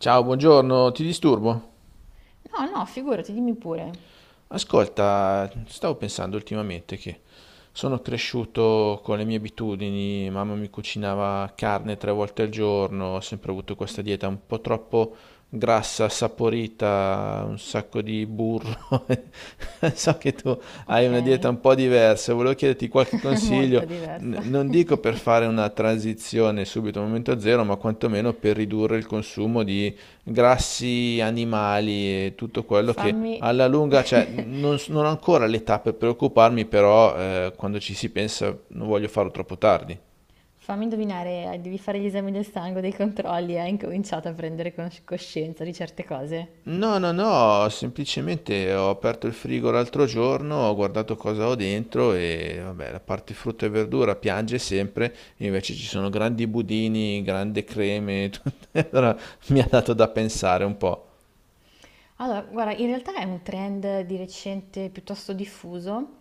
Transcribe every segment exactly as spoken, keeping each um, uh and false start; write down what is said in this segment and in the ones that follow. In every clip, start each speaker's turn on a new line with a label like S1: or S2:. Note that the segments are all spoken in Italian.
S1: Ciao, buongiorno, ti disturbo?
S2: No, no, figurati, dimmi pure.
S1: Ascolta, stavo pensando ultimamente che sono cresciuto con le mie abitudini, mamma mi cucinava carne tre volte al giorno, ho sempre avuto questa dieta un po' troppo grassa, saporita, un sacco di burro. So che tu hai
S2: Ok,
S1: una dieta un po' diversa, volevo chiederti qualche
S2: molto
S1: consiglio, n-
S2: diversa.
S1: non dico per fare una transizione subito al momento zero, ma quantomeno per ridurre il consumo di grassi animali e tutto quello che
S2: Fammi,
S1: alla lunga, cioè, non, s- non ho ancora l'età per preoccuparmi, però eh, quando ci si pensa non voglio farlo troppo tardi.
S2: Fammi indovinare, eh, devi fare gli esami del sangue, dei controlli, e hai incominciato a prendere cos- coscienza di certe cose.
S1: No, no, no, semplicemente ho aperto il frigo l'altro giorno, ho guardato cosa ho dentro e vabbè, la parte frutta e verdura piange sempre, invece ci sono grandi budini, grandi creme, tutto. Allora mi ha dato da pensare un po'.
S2: Allora, guarda, in realtà è un trend di recente piuttosto diffuso.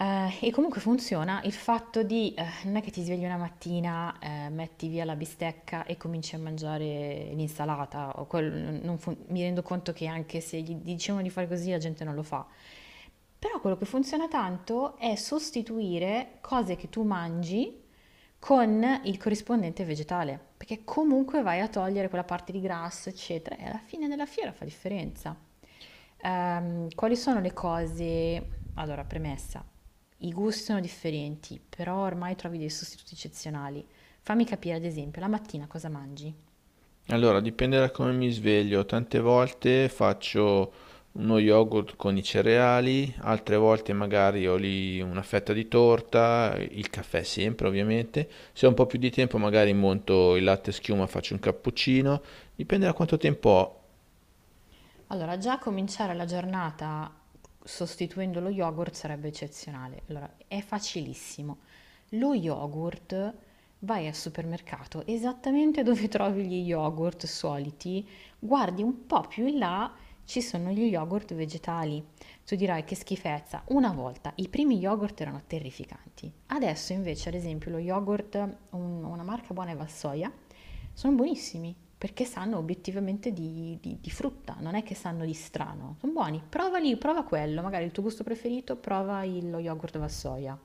S2: Eh, e comunque funziona il fatto di, eh, non è che ti svegli una mattina, eh, metti via la bistecca e cominci a mangiare l'insalata, o quel- non fun- mi rendo conto che anche se gli dicevano di fare così la gente non lo fa. Però quello che funziona tanto è sostituire cose che tu mangi con il corrispondente vegetale, perché comunque vai a togliere quella parte di grasso, eccetera, e alla fine della fiera fa differenza. Ehm, quali sono le cose? Allora, premessa. I gusti sono differenti, però ormai trovi dei sostituti eccezionali. Fammi capire, ad esempio, la mattina cosa mangi?
S1: Allora, dipende da come mi sveglio. Tante volte faccio uno yogurt con i cereali, altre volte magari ho lì una fetta di torta, il caffè sempre ovviamente. Se ho un po' più di tempo magari monto il latte schiuma, faccio un cappuccino. Dipende da quanto tempo ho.
S2: Allora, già cominciare la giornata sostituendo lo yogurt sarebbe eccezionale. Allora, è facilissimo. Lo yogurt vai al supermercato esattamente dove trovi gli yogurt soliti, guardi un po' più in là, ci sono gli yogurt vegetali. Tu dirai che schifezza. Una volta i primi yogurt erano terrificanti. Adesso invece, ad esempio, lo yogurt, un- una marca buona è Valsoia, sono buonissimi perché sanno obiettivamente di, di- di frutta, non è che sanno di strano. Sono buoni, provali, prova quello, magari il tuo gusto preferito, prova il- lo yogurt alla soia.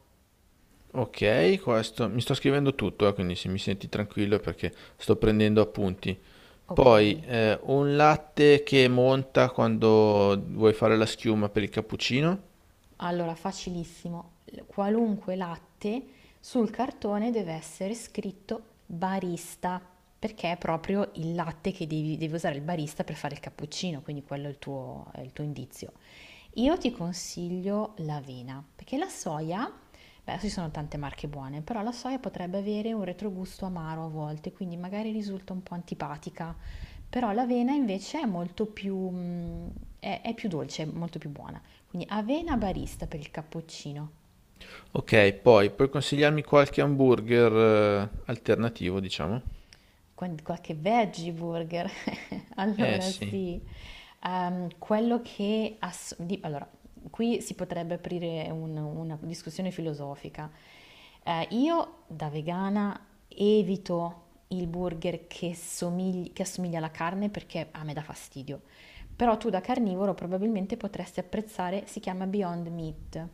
S1: Ok, questo mi sto scrivendo tutto, eh, quindi se mi senti tranquillo è perché sto prendendo appunti.
S2: Ok,
S1: Poi eh, un latte che monta quando vuoi fare la schiuma per il cappuccino.
S2: allora facilissimo, L- qualunque latte sul cartone deve essere scritto barista, perché è proprio il latte che devi, devi usare il barista per fare il cappuccino, quindi quello è il tuo è il tuo indizio. Io ti consiglio l'avena, perché la soia, beh, adesso ci sono tante marche buone, però la soia potrebbe avere un retrogusto amaro a volte, quindi magari risulta un po' antipatica, però l'avena invece è molto più, mm, è, è più dolce, è molto più buona. Quindi avena barista per il cappuccino,
S1: Ok, poi puoi consigliarmi qualche hamburger eh, alternativo, diciamo?
S2: con qualche veggie burger.
S1: Eh
S2: Allora
S1: sì,
S2: sì. Ehm, quello che... ass- di- allora, qui si potrebbe aprire un- una discussione filosofica. Eh, io da vegana evito il burger che somigli- che assomiglia alla carne perché a me dà fastidio. Però tu da carnivoro probabilmente potresti apprezzare, si chiama Beyond Meat.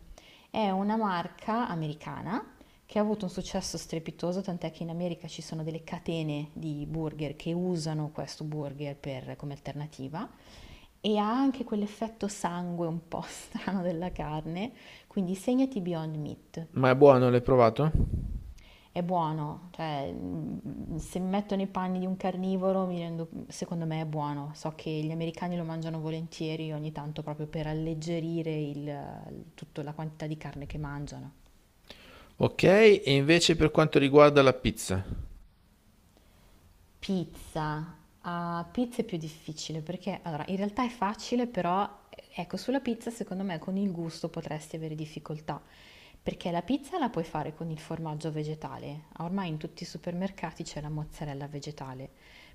S2: È una marca americana che ha avuto un successo strepitoso, tant'è che in America ci sono delle catene di burger che usano questo burger per- come alternativa e ha anche quell'effetto sangue un po' strano della carne, quindi segnati Beyond Meat.
S1: ma è buono, l'hai provato?
S2: È buono, cioè, mm, se mi metto nei panni di un carnivoro, mi rendo- secondo me è buono. So che gli americani lo mangiano volentieri ogni tanto proprio per alleggerire il, tutta la quantità di carne che mangiano.
S1: Ok, e invece per quanto riguarda la pizza,
S2: Pizza. Ah, pizza è più difficile perché allora in realtà è facile, però ecco, sulla pizza secondo me con il gusto potresti avere difficoltà, perché la pizza la puoi fare con il formaggio vegetale. Ormai in tutti i supermercati c'è la mozzarella vegetale,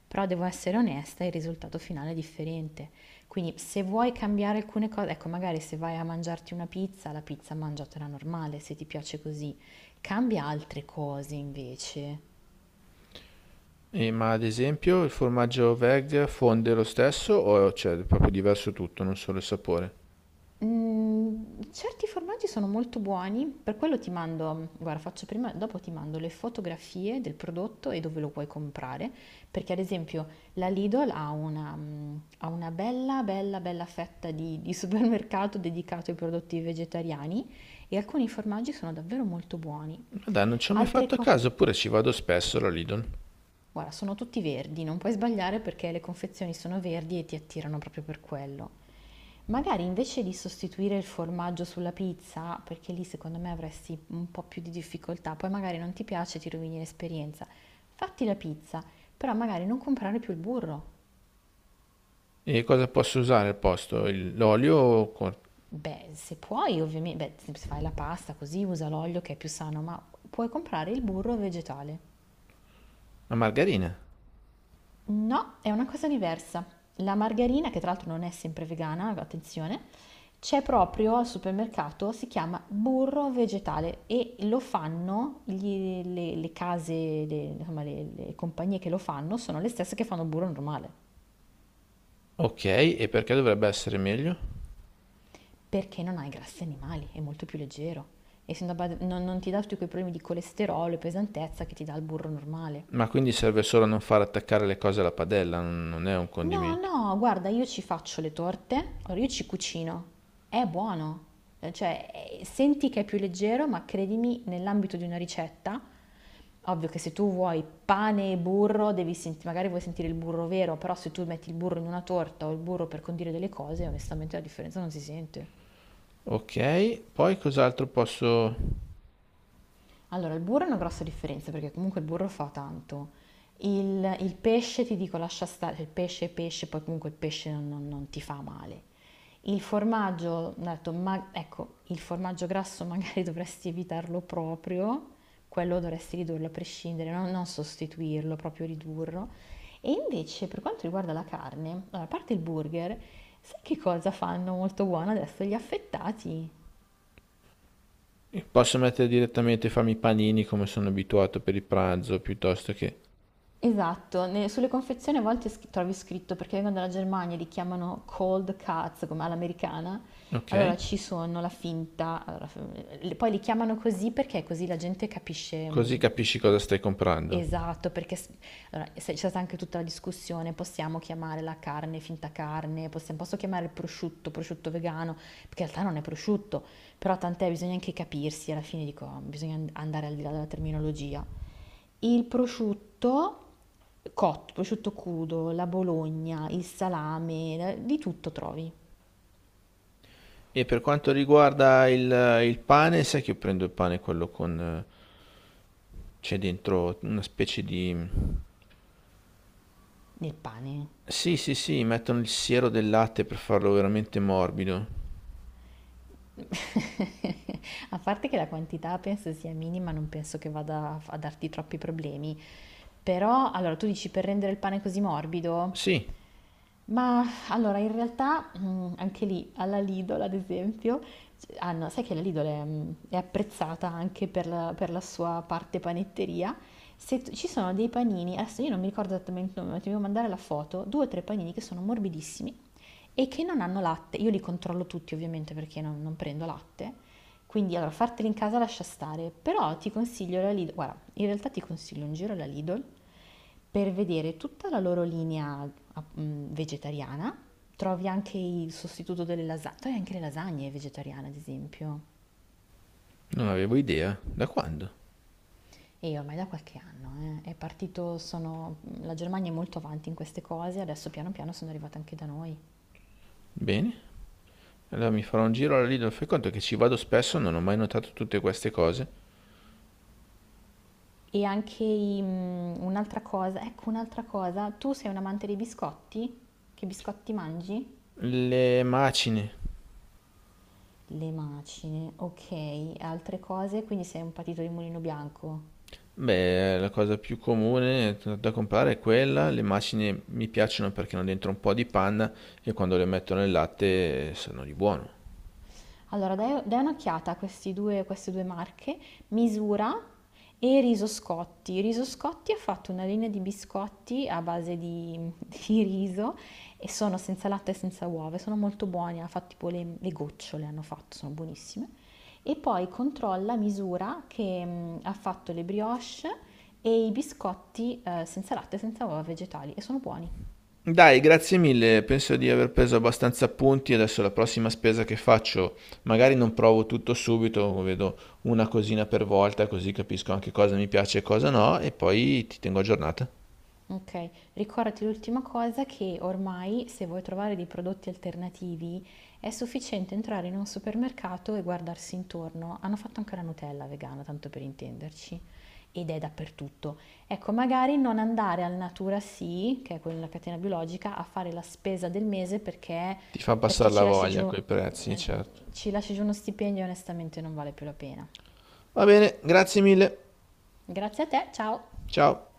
S2: però devo essere onesta, il risultato finale è differente. Quindi se vuoi cambiare alcune cose, ecco, magari se vai a mangiarti una pizza, la pizza mangiatela normale, se ti piace così. Cambia altre cose invece.
S1: eh, ma ad esempio il formaggio veg fonde lo stesso o c'è proprio diverso tutto, non solo il sapore?
S2: Mm, certi formaggi sono molto buoni, per quello ti mando, guarda, faccio prima, dopo ti mando le fotografie del prodotto e dove lo puoi comprare, perché ad esempio la Lidl ha una, mm, ha una bella, bella, bella fetta di, di supermercato dedicato ai prodotti vegetariani e alcuni formaggi sono davvero molto buoni.
S1: Ma dai, non ci ho mai
S2: Altre
S1: fatto
S2: cose...
S1: caso, oppure ci vado spesso alla Lidl.
S2: Guarda, sono tutti verdi, non puoi sbagliare perché le confezioni sono verdi e ti attirano proprio per quello. Magari invece di sostituire il formaggio sulla pizza, perché lì secondo me avresti un po' più di difficoltà, poi magari non ti piace, ti rovini l'esperienza. Fatti la pizza, però magari non comprare più il burro.
S1: E cosa posso usare al posto? Il- L'olio o con-
S2: Beh, se puoi, ovviamente, beh, se fai la pasta così usa l'olio che è più sano, ma puoi comprare il burro vegetale.
S1: la margarina?
S2: No, è una cosa diversa. La margarina, che tra l'altro non è sempre vegana, attenzione, c'è proprio al supermercato, si chiama burro vegetale e lo fanno gli- le, le case, le, insomma, le- le compagnie che lo fanno sono le stesse che fanno burro normale,
S1: Ok, e perché dovrebbe essere meglio?
S2: perché non ha i grassi animali, è molto più leggero. E se non, non ti dà tutti quei problemi di colesterolo e pesantezza che ti dà il burro normale.
S1: Ma quindi serve solo a non far attaccare le cose alla padella, non non è un
S2: No,
S1: condimento.
S2: no, guarda, io ci faccio le torte, allora io ci cucino. È buono. Eh, Cioè, eh, senti che è più leggero, ma credimi, nell'ambito di una ricetta, ovvio che se tu vuoi pane e burro, devi senti- magari vuoi sentire il burro vero, però se tu metti il burro in una torta o il burro per condire delle cose, onestamente la differenza non si sente.
S1: Ok, poi cos'altro posso...
S2: Allora, il burro è una grossa differenza perché comunque il burro fa tanto. Il, il pesce ti dico lascia stare, cioè, il pesce è pesce, poi comunque il pesce non, non- non ti fa male. Il formaggio, ho detto, ma, ecco, il formaggio grasso magari dovresti evitarlo proprio, quello dovresti ridurlo a prescindere, no? Non sostituirlo, proprio ridurlo. E invece per quanto riguarda la carne, allora, a parte il burger, sai che cosa fanno molto buono adesso? Gli affettati.
S1: Posso mettere direttamente, farmi i panini come sono abituato per il pranzo, piuttosto che...
S2: Esatto, ne- sulle confezioni a volte sc- trovi scritto perché vengono dalla Germania, li chiamano cold cuts come all'americana.
S1: Ok,
S2: Allora ci sono la finta, allora, f- le- poi li chiamano così perché così la gente capisce
S1: così
S2: mh.
S1: capisci cosa stai comprando.
S2: Esatto, perché s- allora, se- c'è stata anche tutta la discussione, possiamo chiamare la carne finta carne, possiamo, posso chiamare il prosciutto, prosciutto vegano, perché in realtà non è prosciutto, però tant'è, bisogna anche capirsi, alla fine dico, bisogna and- andare al di là della terminologia. Il prosciutto cotto, prosciutto crudo, la bologna, il salame, la- di tutto trovi
S1: E per quanto riguarda il, il pane, sai che io prendo il pane quello con... eh, c'è dentro una specie di...
S2: nel pane.
S1: Sì, sì, sì, mettono il siero del latte per farlo veramente morbido.
S2: A parte che la quantità penso sia minima, non penso che vada a a darti troppi problemi. Però, allora, tu dici per rendere il pane così morbido?
S1: Sì,
S2: Ma allora, in realtà, mm, anche lì, alla Lidl, ad esempio, c- hanno, sai che la Lidl è, mm, è apprezzata anche per la, per la sua parte panetteria. Se tu- ci sono dei panini, adesso io non mi ricordo esattamente il nome, ma ti devo mandare la foto, due o tre panini che sono morbidissimi e che non hanno latte. Io li controllo tutti ovviamente perché non, non prendo latte, quindi allora farteli in casa lascia stare, però ti consiglio la Lidl, guarda, in realtà ti consiglio un giro alla Lidl per vedere tutta la loro linea ah, mh, vegetariana, trovi anche il sostituto delle lasagne, trovi anche le lasagne vegetariane ad esempio.
S1: non avevo idea. Da quando?
S2: E ormai da qualche anno eh, è partito, sono, la Germania è molto avanti in queste cose, adesso piano piano sono arrivate anche da noi.
S1: Bene. Allora mi farò un giro alla Lidl, fai conto che ci vado spesso, non ho mai notato tutte queste cose.
S2: E anche i, mhmm, un'altra cosa ecco un'altra cosa, tu sei un amante dei biscotti? Che biscotti mangi?
S1: Le macine,
S2: Le macine, okay, altre cose, quindi sei un patito di Mulino Bianco?
S1: beh, la cosa più comune da comprare è quella. Le macine mi piacciono perché hanno dentro un po' di panna e quando le metto nel latte eh, sono di buono.
S2: Allora, dai, dai un'occhiata a questi due, queste due marche, Misura e Riso Scotti. Riso Scotti ha fatto una linea di biscotti a base di, di riso e sono senza latte e senza uova, e sono molto buoni, ha fatto tipo le, le gocciole, hanno fatto, sono buonissime. E poi controlla Misura che mm, ha fatto le brioche e i biscotti eh, senza latte e senza uova vegetali e sono buoni.
S1: Dai, grazie mille, penso di aver preso abbastanza punti. Adesso la prossima spesa che faccio, magari non provo tutto subito, vedo una cosina per volta, così capisco anche cosa mi piace e cosa no, e poi ti tengo aggiornata.
S2: Okay. Ricordati l'ultima cosa che ormai, se vuoi trovare dei prodotti alternativi, è sufficiente entrare in un supermercato e guardarsi intorno. Hanno fatto anche la Nutella vegana, tanto per intenderci, ed è dappertutto. Ecco, magari non andare al Natura Sì, che è quella della catena biologica, a fare la spesa del mese perché,
S1: Ti fa
S2: perché
S1: passare la
S2: ci lasci
S1: voglia
S2: giù,
S1: coi prezzi,
S2: eh,
S1: certo.
S2: ci lasci giù uno stipendio e onestamente non vale più la pena.
S1: Va bene, grazie mille.
S2: Grazie a te, ciao!
S1: Ciao.